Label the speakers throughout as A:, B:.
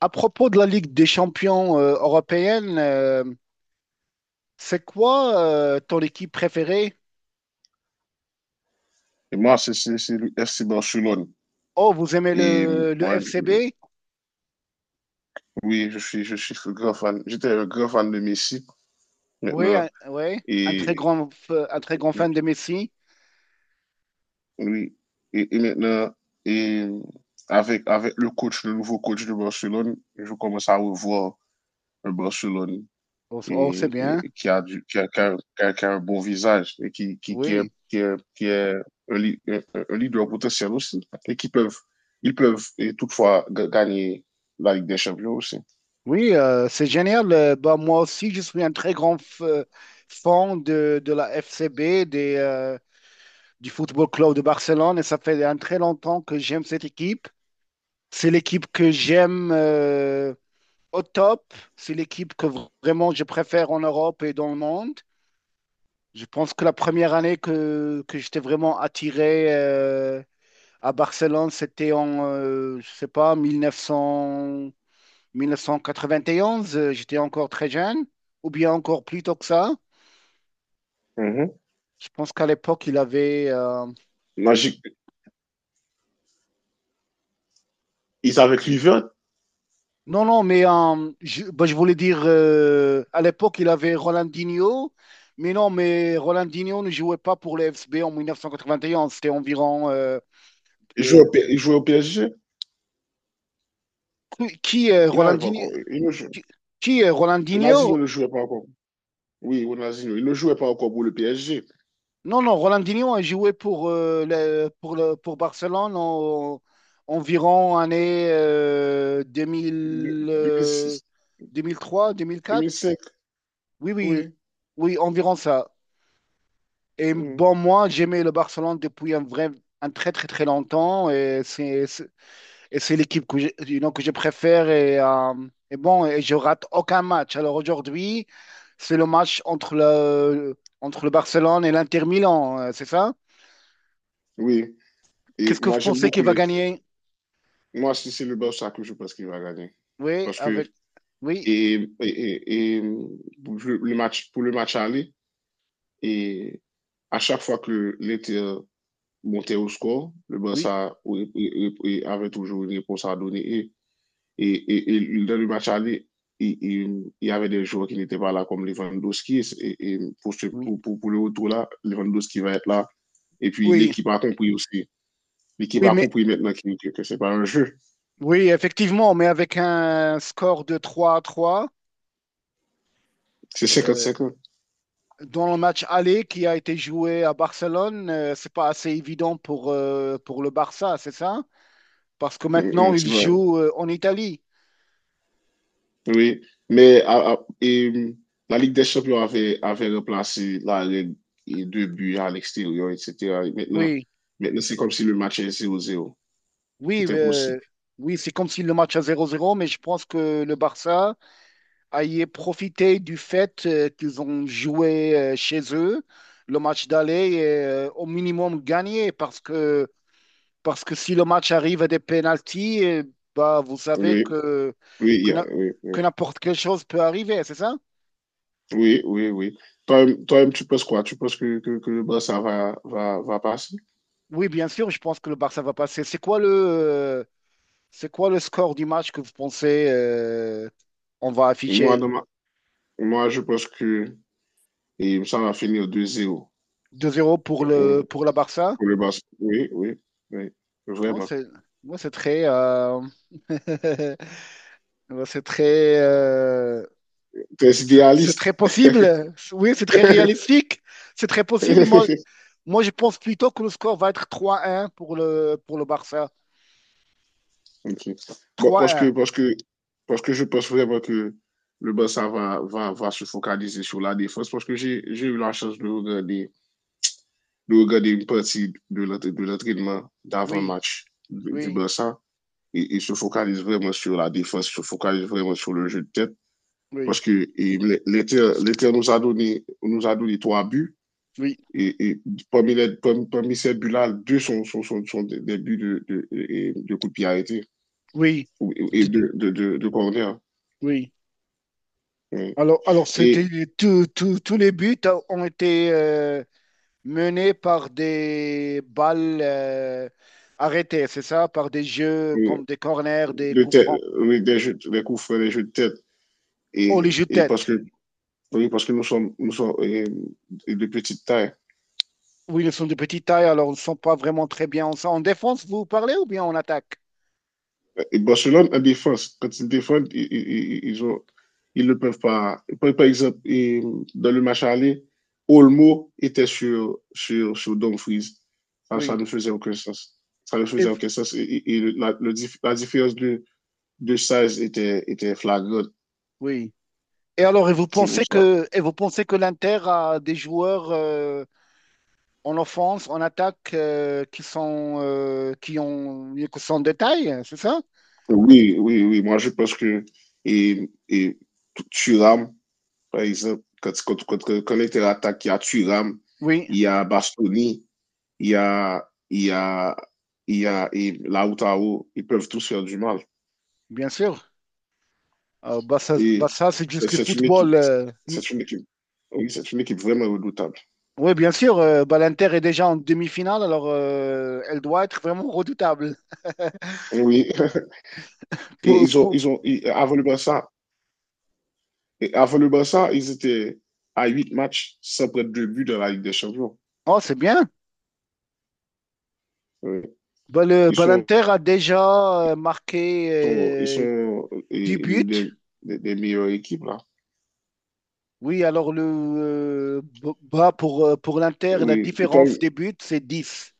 A: À propos de la Ligue des champions européenne, c'est quoi ton équipe préférée?
B: Et moi, c'est le FC Barcelone.
A: Oh, vous aimez le
B: Moi,
A: FCB?
B: oui, je suis un grand fan. J'étais un grand fan de Messi
A: Oui,
B: maintenant. Et
A: un très grand fan
B: je-
A: de Messi.
B: oui, et maintenant, et avec le coach, le nouveau coach de Barcelone, je commence à revoir un Barcelone
A: Oh, c'est
B: et,
A: bien.
B: et qui a du, qui a, qui a- qui a- qui a un bon visage et qui, qui, qui est,
A: Oui,
B: qui est, qui est un, li- un- un leader potentiel aussi. Et qui peuvent, ils peuvent et toutefois gagner la Ligue des Champions aussi.
A: oui, c'est génial. Bah, moi aussi, je suis un très grand fan de la FCB, du Football Club de Barcelone, et ça fait un très longtemps que j'aime cette équipe. C'est l'équipe que j'aime, au top. C'est l'équipe que vraiment je préfère en Europe et dans le monde. Je pense que la première année que j'étais vraiment attiré à Barcelone, c'était en, je sais pas, 1900, 1991. J'étais encore très jeune, ou bien encore plus tôt que ça.
B: Mhm.
A: Je pense qu'à l'époque, il avait,
B: Magic, il savait que Kluivert,
A: non, non, mais je voulais dire, à l'époque, il avait Ronaldinho, mais non, mais Ronaldinho ne jouait pas pour le FSB en 1991, c'était environ
B: il
A: euh,
B: jouait, au P- il jouait au PSG,
A: qui est
B: il n'avait pas
A: Ronaldinho?
B: encore. Il ne jouait,
A: Qui, qui est
B: Ronaldinho
A: Ronaldinho?
B: ne jouait pas encore. Oui, Ronaldinho, il ne jouait pas encore pour le PSG.
A: Non, non, Ronaldinho a joué pour, pour Barcelone en, environ année 2000,
B: 2006,
A: 2003, 2004.
B: 2005,
A: Oui, oui,
B: oui.
A: oui, environ ça. Et
B: Hmm,
A: bon, moi, j'aimais le Barcelone depuis un très, très, très longtemps. Et c'est l'équipe que j'ai, que je préfère. Et je rate aucun match. Alors aujourd'hui, c'est le match entre le Barcelone et l'Inter Milan, c'est ça?
B: oui. Et
A: Qu'est-ce que vous
B: moi, j'aime
A: pensez qu'il
B: beaucoup
A: va
B: les.
A: gagner?
B: Moi, si c'est le Barça que je pense qu'il va gagner.
A: Oui,
B: Parce que
A: avec, oui,
B: et, et, et- et pour le match, pour le match aller, et à chaque fois que l'Inter montait au score, le
A: oui,
B: Barça, oui, oui, oui, oui, avait toujours une réponse à donner. Et dans le match aller, il y avait des joueurs qui n'étaient pas là, comme Lewandowski. Et pour, ce-
A: oui,
B: pour le retour là, Lewandowski va être là. Et puis
A: oui,
B: l'équipe a compris aussi. L'équipe
A: oui,
B: a
A: mais,
B: compris maintenant que, que c'est pas un jeu.
A: oui, effectivement, mais avec un score de 3-3,
B: C'est cinquante
A: euh,
B: cinquante,
A: dans le match aller qui a été joué à Barcelone, c'est pas assez évident pour le Barça, c'est ça? Parce que maintenant, il
B: tu vois.
A: joue en Italie.
B: Oui. Mais la Ligue des Champions avait, remplacé la règle deux buts à l'extérieur, etc. Et maintenant,
A: Oui,
B: maintenant c'est comme si le match est 0 zéro.
A: oui,
B: Tout est possible.
A: oui, c'est comme si le match à 0-0. Mais je pense que le Barça a y profité du fait qu'ils ont joué chez eux le match d'aller et au minimum gagné, parce que si le match arrive à des pénaltys, eh, bah, vous savez
B: Oui,
A: que,
B: oui,
A: na-
B: oui, oui.
A: que n'importe quelle chose peut arriver, c'est ça?
B: Oui, oui, oui. Toi-même, toi-même, tu penses quoi? Tu penses que, que le Barça va, va passer?
A: Oui, bien sûr, je pense que le Barça va passer. C'est quoi le score du match que vous pensez on va
B: Moi,
A: afficher
B: moi, je pense que et ça va finir 2-0
A: 2 zéro pour le pour la Barça?
B: pour le Barça. Oui, oui, oui,
A: Oh,
B: vraiment.
A: c'est, Moi, c'est très, moi, c'est très,
B: Très
A: c'est
B: idéaliste.
A: très possible. Oui, c'est très réalistique. C'est très possible. Moi, moi, je pense plutôt que le score va être 3-1 pour le Barça.
B: Ok. Bon,
A: Trois
B: parce que,
A: un.
B: parce que je pense vraiment que le Barça va, va se focaliser sur la défense parce que j'ai eu la chance de regarder une partie de l'entraînement
A: Oui,
B: d'avant-match du
A: oui,
B: Barça, et se focalise vraiment sur la défense, se focalise vraiment sur le jeu de tête. Parce
A: oui,
B: que et l'Éther nous a donné trois buts.
A: oui,
B: Et parmi ces buts-là, deux sont des, buts de coup de pied arrêté
A: oui,
B: et
A: d-
B: de corner.
A: oui.
B: Ouais.
A: Alors, c'était
B: Et
A: tous les buts ont été menés par des balles arrêtées, c'est ça, par des jeux
B: euh,
A: comme des corners, des
B: de
A: coups
B: tête,
A: francs.
B: oui, des, jeux, des coups francs, des jeux de tête.
A: Oh, les
B: Et,
A: jeux de
B: et parce
A: tête.
B: que oui, parce que nous sommes de petite taille.
A: Oui, ils sont de petite taille, alors ils ne sont pas vraiment très bien. En défense, vous parlez ou bien en attaque?
B: Et Barcelone en défense, quand ils défendent, ils ont, ils ne peuvent pas. Par, exemple, dans le match aller, Olmo était sur Dumfries. Ça
A: Oui.
B: ne faisait aucun sens. Ça ne
A: Et,
B: faisait
A: v-
B: aucun sens. Et la différence de size était flagrante.
A: oui. Et alors,
B: C'est pour ça.
A: et vous pensez que l'Inter a des joueurs en offense, en attaque, qui sont de taille, c'est ça?
B: Oui, oui, oui. Moi, je pense que et Thuram, par exemple, quand il était attaqué, il y a Thuram,
A: Oui.
B: il y a Bastoni, il y a, il y a, et la Outaho, ils peuvent tous faire du mal.
A: Bien sûr. Ah, bah
B: Et
A: ça c'est juste le
B: c'est- une
A: football.
B: équipe,
A: Mm.
B: c'est une équipe, oui, c'est une équipe vraiment redoutable.
A: Oui, bien sûr, bah, l'Inter est déjà en demi-finale, alors elle doit être vraiment redoutable.
B: Oui, et
A: Pou- pou-
B: avant le Barça, ils étaient à 8 matchs sans prendre de but dans la Ligue des Champions.
A: Oh, c'est bien.
B: Oui. Ils
A: Bah,
B: sont,
A: l'Inter a déjà marqué
B: sont- ils sont
A: 10
B: l'une
A: buts.
B: des meilleures équipes, là.
A: Oui, bah, pour l'Inter, la
B: Oui, et toi,
A: différence des buts, c'est 10.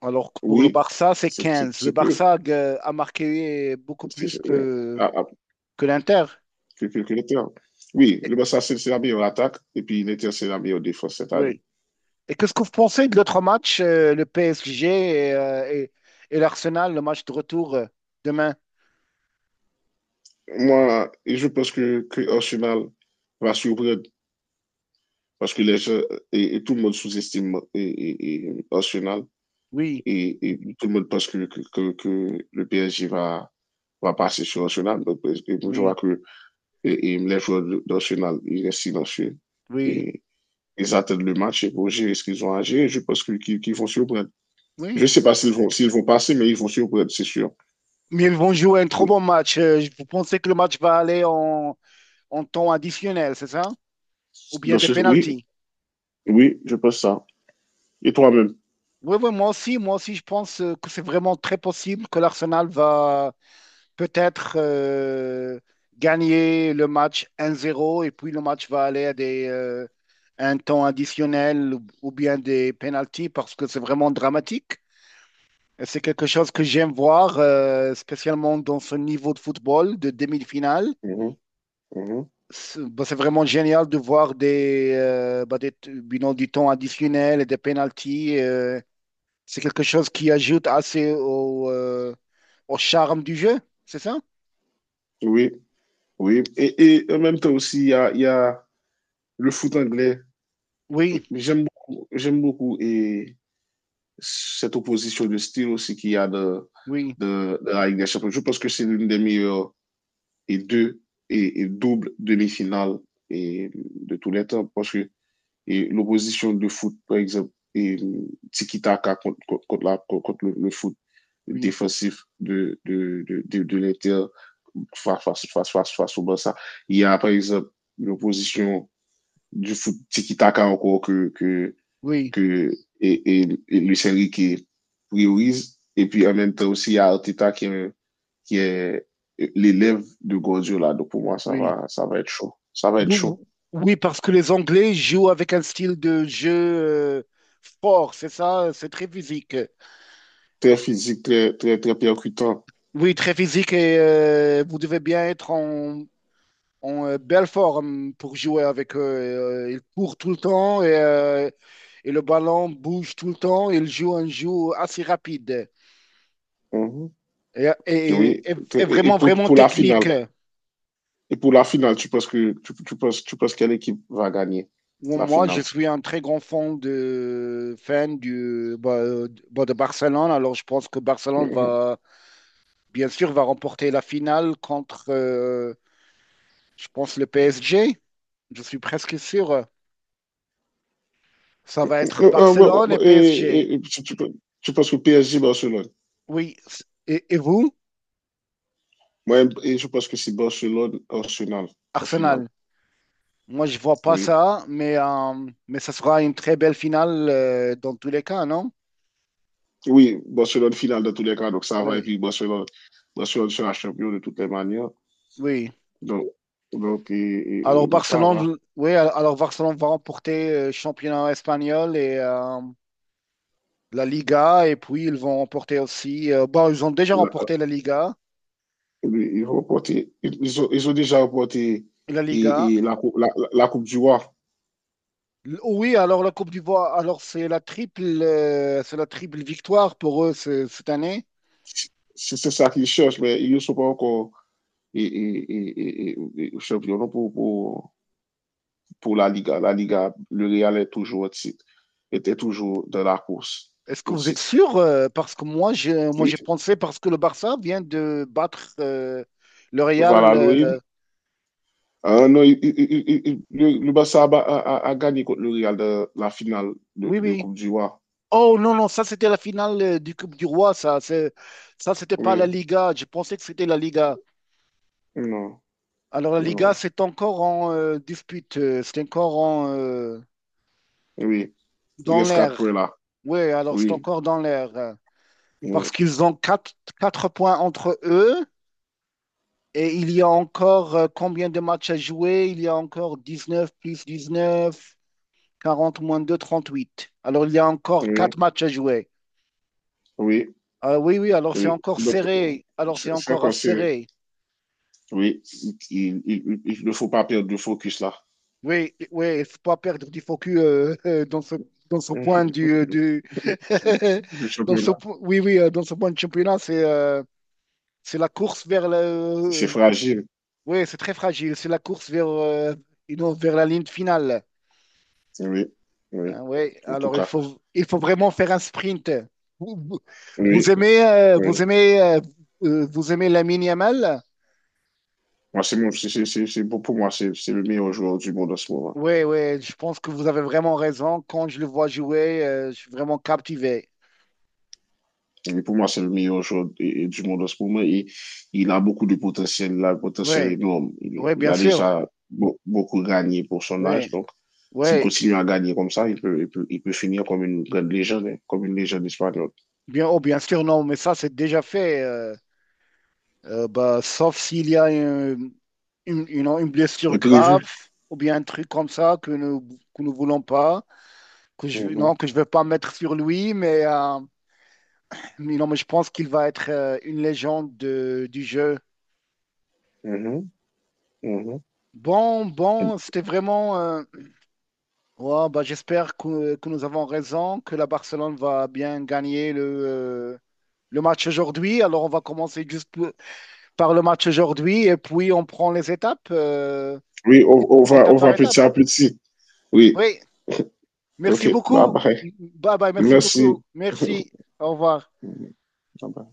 A: Alors que pour le
B: oui,
A: Barça, c'est
B: c'est c'est-
A: 15. Le
B: c'est peu.
A: Barça a marqué beaucoup plus
B: Ouais.
A: que,
B: À-
A: que l'Inter.
B: que l'Inter. Oui, le Barça, c'est la meilleure attaque et puis l'Inter, c'est la meilleure défense cette année.
A: Oui. Et qu'est-ce que vous pensez de l'autre match, le PSG et, euh, et- et l'Arsenal, le match de retour demain?
B: Moi, et je pense que Arsenal va surprendre parce que les gens et tout le monde sous-estime et Arsenal
A: Oui,
B: et tout le monde pense que le PSG va passer sur Arsenal. Donc, et je vois
A: oui,
B: que et les joueurs d'Arsenal, ils restent silencieux
A: oui,
B: et ils attendent le match et pour gérer ce qu'ils ont à gérer. Je pense qu'ils vont surprendre. Je ne
A: oui.
B: sais pas s'ils vont passer, mais ils vont surprendre, c'est sûr.
A: Mais ils vont jouer un trop
B: Et,
A: bon match. Vous pensez que le match va aller en temps additionnel, c'est ça? Ou bien des
B: Oui,
A: pénaltys?
B: oui, je pense ça. Et toi-même?
A: Oui, oui, moi aussi, je pense que c'est vraiment très possible que l'Arsenal va, peut-être gagner le match 1-0 et puis le match va aller à un temps additionnel ou bien des pénalties parce que c'est vraiment dramatique. Et c'est quelque chose que j'aime voir, spécialement dans ce niveau de football de demi-finale.
B: Mhm, mhm.
A: C'est vraiment génial de voir des, bah, des t- du nom du temps additionnel et des pénalties. C'est quelque chose qui ajoute assez au charme du jeu, c'est ça?
B: Oui, oui. Et en même temps aussi, il y a le foot anglais.
A: Oui,
B: Et j'aime beaucoup cette opposition de style aussi qu'il y a de,
A: oui,
B: de, de la Ligue des Champions. Je pense que c'est l'une des meilleures et deux et double demi-finales et de tous les temps parce que et l'opposition de foot, par exemple, et tiki-taka contre le foot.
A: oui.
B: Défensif de l'Inter face au Barça. Il y a, par exemple, l'opposition du foot tiki-taka encore que, que,
A: Oui,
B: que et, et, et Lucien Riquet priorise. Et puis, en même temps aussi, il y a Arteta qui est l'élève de Guardiola. Donc, pour moi, ça
A: oui.
B: va, ça va être chaud. Ça va être chaud.
A: Ou- Oui, parce que les Anglais jouent avec un style de jeu fort, c'est ça, c'est très physique.
B: Très physique, très, très, très percutant.
A: Oui, très physique et vous devez bien être en belle forme pour jouer avec eux. Ils courent tout le temps et le ballon bouge tout le temps. Ils jouent un jeu assez rapide
B: Mhm.
A: et, et-
B: Oui,
A: et- et
B: Et
A: vraiment, vraiment technique.
B: pour la finale, tu penses que tu penses quelle équipe va gagner
A: Ou
B: la
A: Moi, je
B: finale?
A: suis un très grand fan de, fan du, bah, de Barcelone. Alors, je pense que Barcelone
B: Mhm.
A: va, bien sûr, va remporter la finale contre, je pense, le PSG. Je suis presque sûr. Ça va être
B: Ouais, ouais,
A: Barcelone et
B: ouais, et,
A: PSG.
B: et- et tu penses que PSG Barcelone?
A: Oui. Et vous,
B: Moi, et je pense que c'est Barcelone Arsenal en finale.
A: Arsenal? Moi, je vois pas
B: Oui.
A: ça, mais ça sera une très belle finale, dans tous les cas, non?
B: Oui, Barcelone finale dans tous les cas, donc ça va. Et
A: Oui,
B: puis Barcelone, Barcelone sera champion de toutes les manières.
A: oui.
B: Donc, donc, ça va.
A: Alors Barcelone va remporter le championnat espagnol et, la Liga et puis ils vont remporter aussi. Bon, ils ont déjà
B: La- euh,
A: remporté la Liga.
B: Ils, vont porter- ils ont déjà remporté
A: La Liga.
B: et la Coupe du Roi.
A: Oui, alors la Coupe d'Ivoire, c'est la triple victoire pour eux cette année.
B: C'est ça qu'ils cherchent, mais ils ne sont pas encore champions non, pour la Liga. La Liga, le Real est toujours au titre, était toujours dans la course
A: Est-ce que
B: au
A: vous êtes
B: titre.
A: sûr? Parce que moi, moi,
B: Oui.
A: j'ai pensé parce que le Barça vient de battre le Real.
B: Voilà, Louis. Ah non, le Barça a, ba- a- a a gagné contre le Real de la finale de,
A: Oui,
B: de
A: oui.
B: Coupe du Roi.
A: Oh non, non, ça c'était la finale du Coupe du Roi. Ça c'était pas la
B: Oui,
A: Liga. Je pensais que c'était la Liga.
B: non,
A: Alors la
B: non,
A: Liga, c'est encore en dispute. C'est encore
B: oui, il
A: dans
B: reste quatre points
A: l'air.
B: là.
A: Oui, alors c'est
B: Oui,
A: encore dans l'air.
B: oui,
A: Parce qu'ils ont 4 points entre eux et il y a encore combien de matchs à jouer? Il y a encore 19 plus 19, 40 moins 2, 38. Alors il y a encore
B: oui,
A: 4 matchs à jouer.
B: oui.
A: Ah oui, oui, alors c'est
B: Oui.
A: encore
B: Donc,
A: serré. Alors c'est
B: c'est
A: encore
B: encore serré.
A: serré.
B: Oui, il ne faut pas perdre de focus là.
A: Oui, oui, il ne faut pas perdre du focus dans ce point du...
B: Le championnat,
A: Oui, oui, dans ce point de championnat, c'est c'est la course vers
B: c'est
A: le.
B: fragile.
A: Oui, c'est très fragile. C'est la course vers, vers la ligne finale.
B: Oui, oui,
A: Hein, oui,
B: en tout
A: alors il
B: cas.
A: faut, il faut vraiment faire un sprint. Vous, vous- vous
B: Oui,
A: aimez,
B: oui.
A: vous aimez, Vous aimez Lamine Yamal?
B: Moi, c'est mon, c'est- pour moi, c'est le meilleur joueur du monde en ce moment.
A: Oui, oui, je pense que vous avez vraiment raison. Quand je le vois jouer, je suis vraiment captivé.
B: Et pour moi, c'est le meilleur joueur du monde en ce moment et il a beaucoup de potentiel, il a un potentiel
A: Oui,
B: énorme. Il,
A: oui,
B: il
A: bien
B: a
A: sûr.
B: déjà beaucoup gagné pour son
A: Oui,
B: âge, donc s'il
A: oui,
B: continue à gagner comme ça, il peut finir comme une grande légende, hein, comme une légende espagnole.
A: oh, bien sûr, non, mais ça, c'est déjà fait. Bah, sauf s'il y a une blessure grave
B: Imprévu.
A: ou bien un truc comme ça que nous, voulons pas, que je, non,
B: Mhm,
A: que je vais pas mettre sur lui, mais non, mais je pense qu'il va être une légende du jeu.
B: mhm, mhm.
A: Bon, c'était vraiment. Ouais, bah, j'espère que nous avons raison, que la Barcelone va bien gagner le match aujourd'hui. Alors, on va commencer juste par le match aujourd'hui et puis on prend les étapes,
B: Oui, on, on va, on
A: étape
B: va
A: par étape.
B: petit à petit. Oui,
A: Oui.
B: ok,
A: Merci
B: bye
A: beaucoup.
B: bye.
A: Bye bye, merci
B: Merci.
A: beaucoup. Merci. Au revoir.
B: Mhm, bye bye.